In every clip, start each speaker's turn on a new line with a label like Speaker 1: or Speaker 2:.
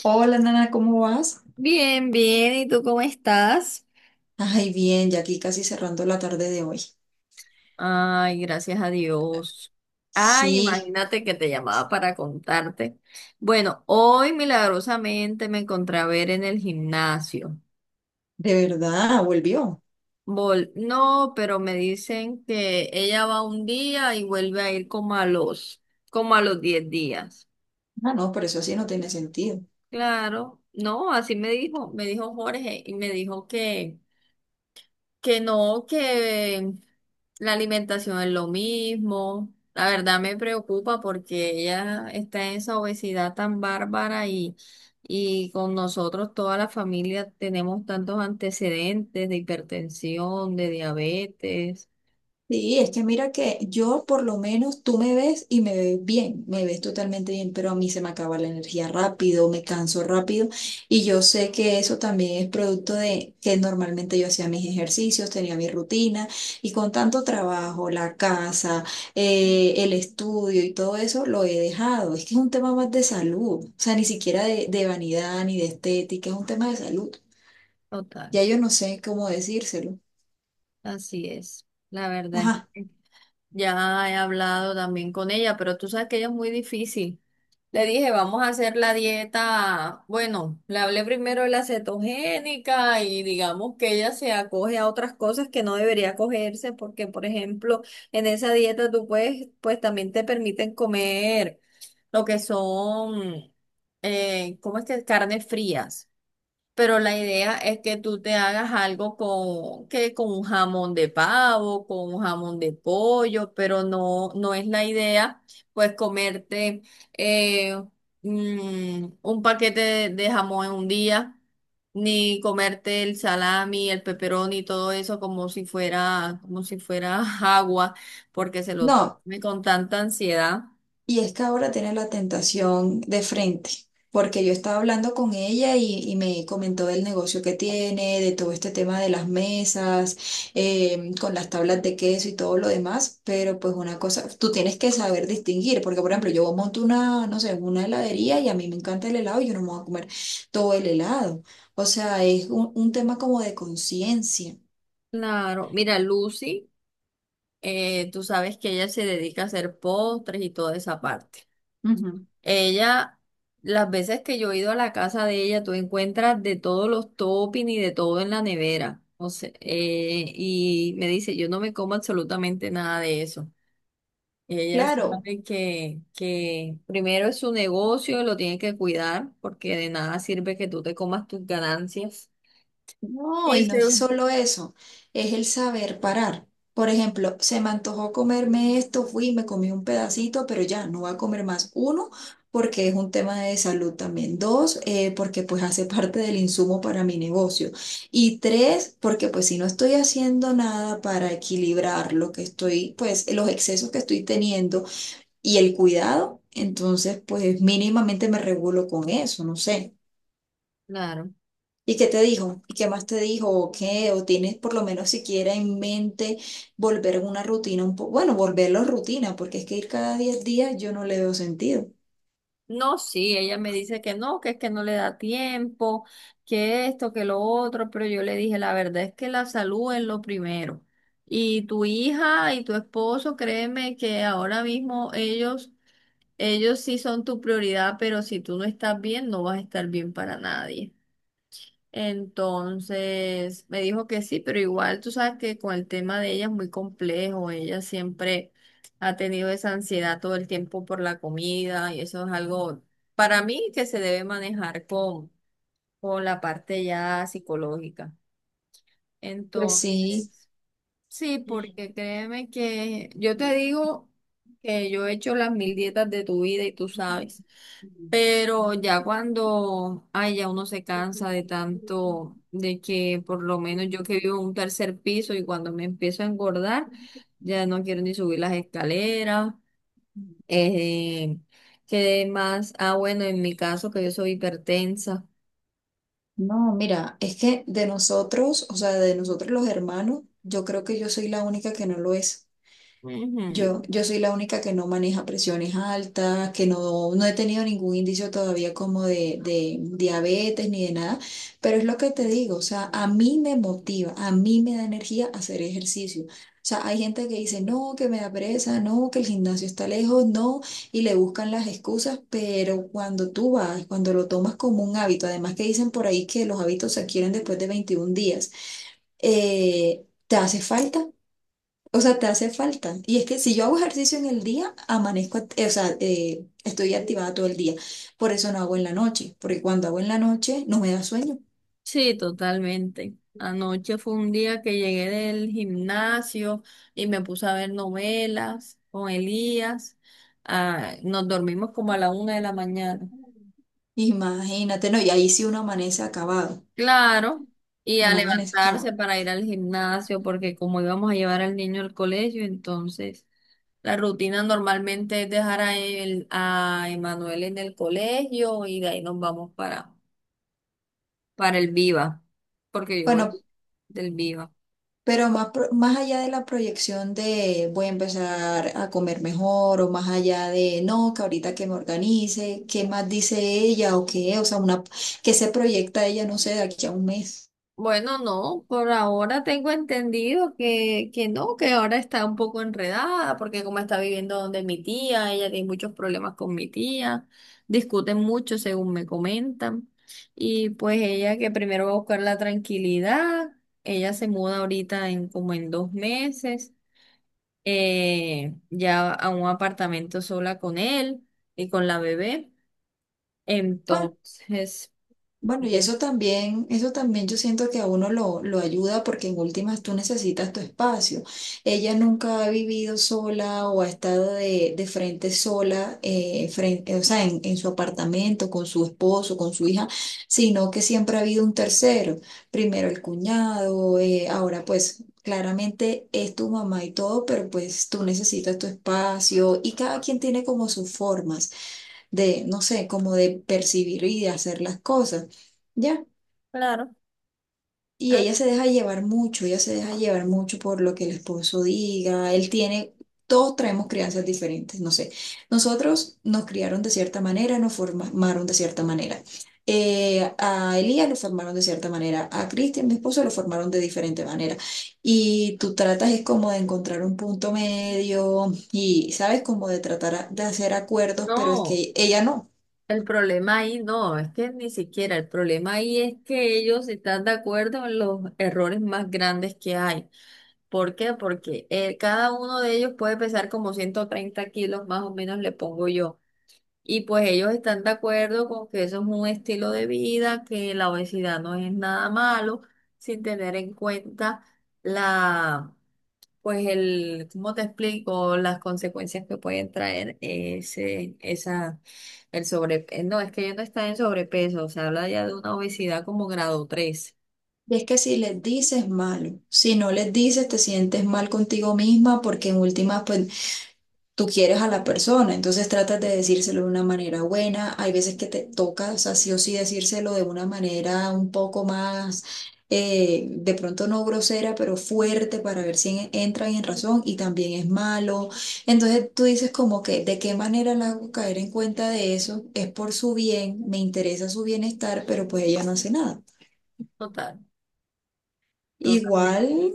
Speaker 1: Hola, Nana, ¿cómo vas?
Speaker 2: Bien, bien, ¿y tú cómo estás?
Speaker 1: Ay, bien, ya aquí casi cerrando la tarde de hoy.
Speaker 2: Ay, gracias a Dios. Ay,
Speaker 1: Sí,
Speaker 2: imagínate que te llamaba para contarte. Bueno, hoy milagrosamente me encontré a ver en el gimnasio.
Speaker 1: de verdad, volvió.
Speaker 2: No, pero me dicen que ella va un día y vuelve a ir como a los 10 días.
Speaker 1: Ah, no, pero eso sí no tiene sentido.
Speaker 2: Claro, no, así me dijo Jorge y me dijo que no, que la alimentación es lo mismo. La verdad me preocupa porque ella está en esa obesidad tan bárbara y con nosotros, toda la familia, tenemos tantos antecedentes de hipertensión, de diabetes,
Speaker 1: Sí, es que mira que yo por lo menos tú me ves y me ves bien, me ves totalmente bien, pero a mí se me acaba la energía rápido, me canso rápido y yo sé que eso también es producto de que normalmente yo hacía mis ejercicios, tenía mi rutina y con tanto trabajo, la casa, el estudio y todo eso lo he dejado. Es que es un tema más de salud, o sea, ni siquiera de vanidad ni de estética, es un tema de salud.
Speaker 2: total.
Speaker 1: Ya yo no sé cómo decírselo.
Speaker 2: Así es, la verdad.
Speaker 1: Ajá.
Speaker 2: Ya he hablado también con ella, pero tú sabes que ella es muy difícil. Le dije, vamos a hacer la dieta. Bueno, le hablé primero de la cetogénica y digamos que ella se acoge a otras cosas que no debería acogerse porque, por ejemplo, en esa dieta tú puedes, pues también te permiten comer lo que son, ¿cómo es que? Carnes frías. Pero la idea es que tú te hagas algo con, que con un jamón de pavo, con un jamón de pollo, pero no, no es la idea, pues comerte eh, un paquete de jamón en un día, ni comerte el salami, el pepperoni y todo eso como si fuera agua, porque se lo
Speaker 1: No.
Speaker 2: come con tanta ansiedad.
Speaker 1: Y es que ahora tiene la tentación de frente, porque yo estaba hablando con ella y me comentó del negocio que tiene, de todo este tema de las mesas, con las tablas de queso y todo lo demás, pero pues una cosa, tú tienes que saber distinguir, porque por ejemplo yo monto una, no sé, una heladería y a mí me encanta el helado y yo no me voy a comer todo el helado. O sea, es un tema como de conciencia.
Speaker 2: Claro, mira, Lucy, tú sabes que ella se dedica a hacer postres y toda esa parte.
Speaker 1: Ujú.
Speaker 2: Ella, las veces que yo he ido a la casa de ella, tú encuentras de todos los toppings y de todo en la nevera. O sea, y me dice, yo no me como absolutamente nada de eso. Ella
Speaker 1: Claro,
Speaker 2: sabe que, primero es su negocio, lo tiene que cuidar, porque de nada sirve que tú te comas tus ganancias.
Speaker 1: no,
Speaker 2: Y
Speaker 1: y no es
Speaker 2: eso
Speaker 1: solo eso, es el saber parar. Por ejemplo, se me antojó comerme esto, fui, me comí un pedacito, pero ya no voy a comer más. Uno, porque es un tema de salud también. Dos, porque pues hace parte del insumo para mi negocio. Y tres, porque pues si no estoy haciendo nada para equilibrar lo que estoy, pues los excesos que estoy teniendo y el cuidado, entonces pues mínimamente me regulo con eso, no sé.
Speaker 2: claro.
Speaker 1: ¿Y qué te dijo? ¿Y qué más te dijo? ¿O qué? ¿O tienes por lo menos siquiera en mente volver a una rutina un poco? Bueno, volverlo rutina, porque es que ir cada 10 días yo no le veo sentido.
Speaker 2: No, sí, ella me dice que no, que es que no le da tiempo, que esto, que lo otro, pero yo le dije, la verdad es que la salud es lo primero. Y tu hija y tu esposo, créeme que ahora mismo ellos, ellos sí son tu prioridad, pero si tú no estás bien, no vas a estar bien para nadie. Entonces me dijo que sí, pero igual tú sabes que con el tema de ella es muy complejo. Ella siempre ha tenido esa ansiedad todo el tiempo por la comida y eso es algo para mí que se debe manejar con la parte ya psicológica.
Speaker 1: Pues sí.
Speaker 2: Entonces, sí, porque créeme que yo te digo que yo he hecho las mil dietas de tu vida y tú sabes. Pero ya cuando, ay, ya uno se cansa de tanto, de que por lo menos yo que vivo en un tercer piso y cuando me empiezo a engordar, ya no quiero ni subir las escaleras. Eh, que más, ah, bueno, en mi caso que yo soy hipertensa.
Speaker 1: No, mira, es que de nosotros, o sea, de nosotros los hermanos, yo creo que yo soy la única que no lo es.
Speaker 2: Ujú.
Speaker 1: Yo soy la única que no maneja presiones altas, que no, no he tenido ningún indicio todavía como de, diabetes ni de nada, pero es lo que te digo, o sea, a mí me motiva, a mí me da energía hacer ejercicio. O sea, hay gente que dice, no, que me da pereza, no, que el gimnasio está lejos, no, y le buscan las excusas, pero cuando tú vas, cuando lo tomas como un hábito, además que dicen por ahí que los hábitos se adquieren después de 21 días, ¿te hace falta? O sea, te hace falta. Y es que si yo hago ejercicio en el día, amanezco, estoy activada todo el día. Por eso no hago en la noche, porque cuando hago en la noche no me da sueño.
Speaker 2: Sí, totalmente. Anoche fue un día que llegué del gimnasio y me puse a ver novelas con Elías. Ah, nos dormimos como a la 1 de la mañana.
Speaker 1: Imagínate, no, y ahí sí uno amanece acabado,
Speaker 2: Claro, y a
Speaker 1: uno amanece
Speaker 2: levantarse
Speaker 1: acabado.
Speaker 2: para ir al gimnasio, porque como íbamos a llevar al niño al colegio, entonces la rutina normalmente es dejar a él, a Emanuel en el colegio y de ahí nos vamos para, el Viva, porque yo voy
Speaker 1: Bueno,
Speaker 2: del Viva.
Speaker 1: pero más, más allá de la proyección de voy a empezar a comer mejor o más allá de no, que ahorita que me organice, ¿qué más dice ella o qué? O sea, una, que se proyecta ella, no sé, de aquí a un mes.
Speaker 2: Bueno, no, por ahora tengo entendido que no, que ahora está un poco enredada, porque como está viviendo donde mi tía, ella tiene muchos problemas con mi tía, discuten mucho según me comentan, y pues ella que primero va a buscar la tranquilidad, ella se muda ahorita en como en 2 meses, ya a un apartamento sola con él y con la bebé, entonces,
Speaker 1: Bueno, y
Speaker 2: yo-
Speaker 1: eso también yo siento que a uno lo ayuda porque en últimas tú necesitas tu espacio. Ella nunca ha vivido sola o ha estado de frente sola, frente, o sea, en su apartamento, con su esposo, con su hija, sino que siempre ha habido un tercero. Primero el cuñado, ahora pues claramente es tu mamá y todo, pero pues tú necesitas tu espacio y cada quien tiene como sus formas de, no sé, como de percibir y de hacer las cosas, ¿ya?
Speaker 2: claro.
Speaker 1: Y
Speaker 2: Ah,
Speaker 1: ella se deja llevar mucho, ella se deja llevar mucho por lo que el esposo diga, él tiene, todos traemos crianzas diferentes, no sé, nosotros nos criaron de cierta manera, nos formaron de cierta manera. A Elías lo formaron de cierta manera, a Cristian, mi esposo, lo formaron de diferente manera. Y tú tratas es como de encontrar un punto medio y sabes como de tratar de hacer acuerdos, pero es
Speaker 2: no,
Speaker 1: que ella no.
Speaker 2: el problema ahí no, es que ni siquiera, el problema ahí es que ellos están de acuerdo en los errores más grandes que hay. ¿Por qué? Porque cada uno de ellos puede pesar como 130 kilos, más o menos le pongo yo. Y pues ellos están de acuerdo con que eso es un estilo de vida, que la obesidad no es nada malo, sin tener en cuenta la pues el, ¿cómo te explico las consecuencias que pueden traer ese, esa, el sobrepeso? No, es que ya no está en sobrepeso, se habla ya de una obesidad como grado 3.
Speaker 1: Y es que si les dices malo, si no les dices te sientes mal contigo misma porque en últimas pues tú quieres a la persona, entonces tratas de decírselo de una manera buena, hay veces que te toca, o sea, sí o sí decírselo de una manera un poco más, de pronto no grosera, pero fuerte para ver si entran en razón y también es malo, entonces tú dices como que de qué manera la hago caer en cuenta de eso, es por su bien, me interesa su bienestar, pero pues ella no hace nada.
Speaker 2: Total, totalmente,
Speaker 1: Igual,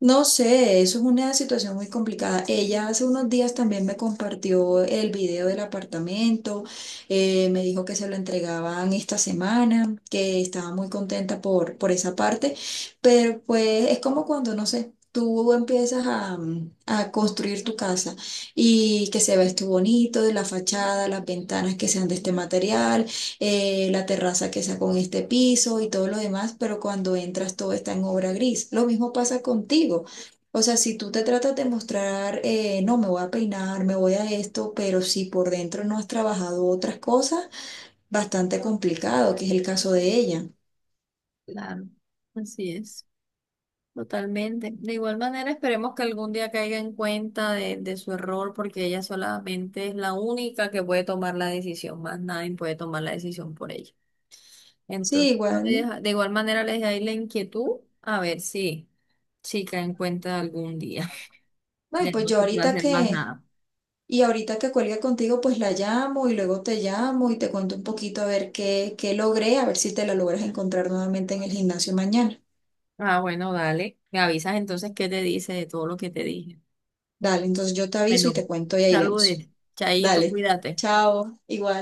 Speaker 1: no sé, eso es una situación muy complicada. Ella hace unos días también me compartió el video del apartamento, me dijo que se lo entregaban esta semana, que estaba muy contenta por esa parte, pero pues es como cuando, no sé. Tú empiezas a, a construir tu casa y que se ve esto bonito, de la fachada, las ventanas que sean de este material, la terraza que sacó en este piso y todo lo demás, pero cuando entras todo está en obra gris. Lo mismo pasa contigo. O sea, si tú te tratas de mostrar, no, me voy a peinar, me voy a esto, pero si por dentro no has trabajado otras cosas, bastante complicado, que es el caso de ella.
Speaker 2: claro. Así es, totalmente. De igual manera, esperemos que algún día caiga en cuenta de su error, porque ella solamente es la única que puede tomar la decisión, más nadie puede tomar la decisión por ella.
Speaker 1: Sí,
Speaker 2: Entonces,
Speaker 1: igual.
Speaker 2: de igual manera les dejo ahí la inquietud a ver si, si caen en cuenta algún día.
Speaker 1: Ay,
Speaker 2: Ya
Speaker 1: pues
Speaker 2: no
Speaker 1: yo
Speaker 2: se puede
Speaker 1: ahorita
Speaker 2: hacer más
Speaker 1: que,
Speaker 2: nada.
Speaker 1: y ahorita que cuelgue contigo, pues la llamo y luego te llamo y te cuento un poquito a ver qué, logré, a ver si te la logras encontrar nuevamente en el gimnasio mañana.
Speaker 2: Ah, bueno, dale. Me avisas entonces qué te dice de todo lo que te dije.
Speaker 1: Dale, entonces yo te aviso y
Speaker 2: Bueno,
Speaker 1: te cuento y ahí vemos.
Speaker 2: saludes. Chaito,
Speaker 1: Dale,
Speaker 2: cuídate.
Speaker 1: chao, igual.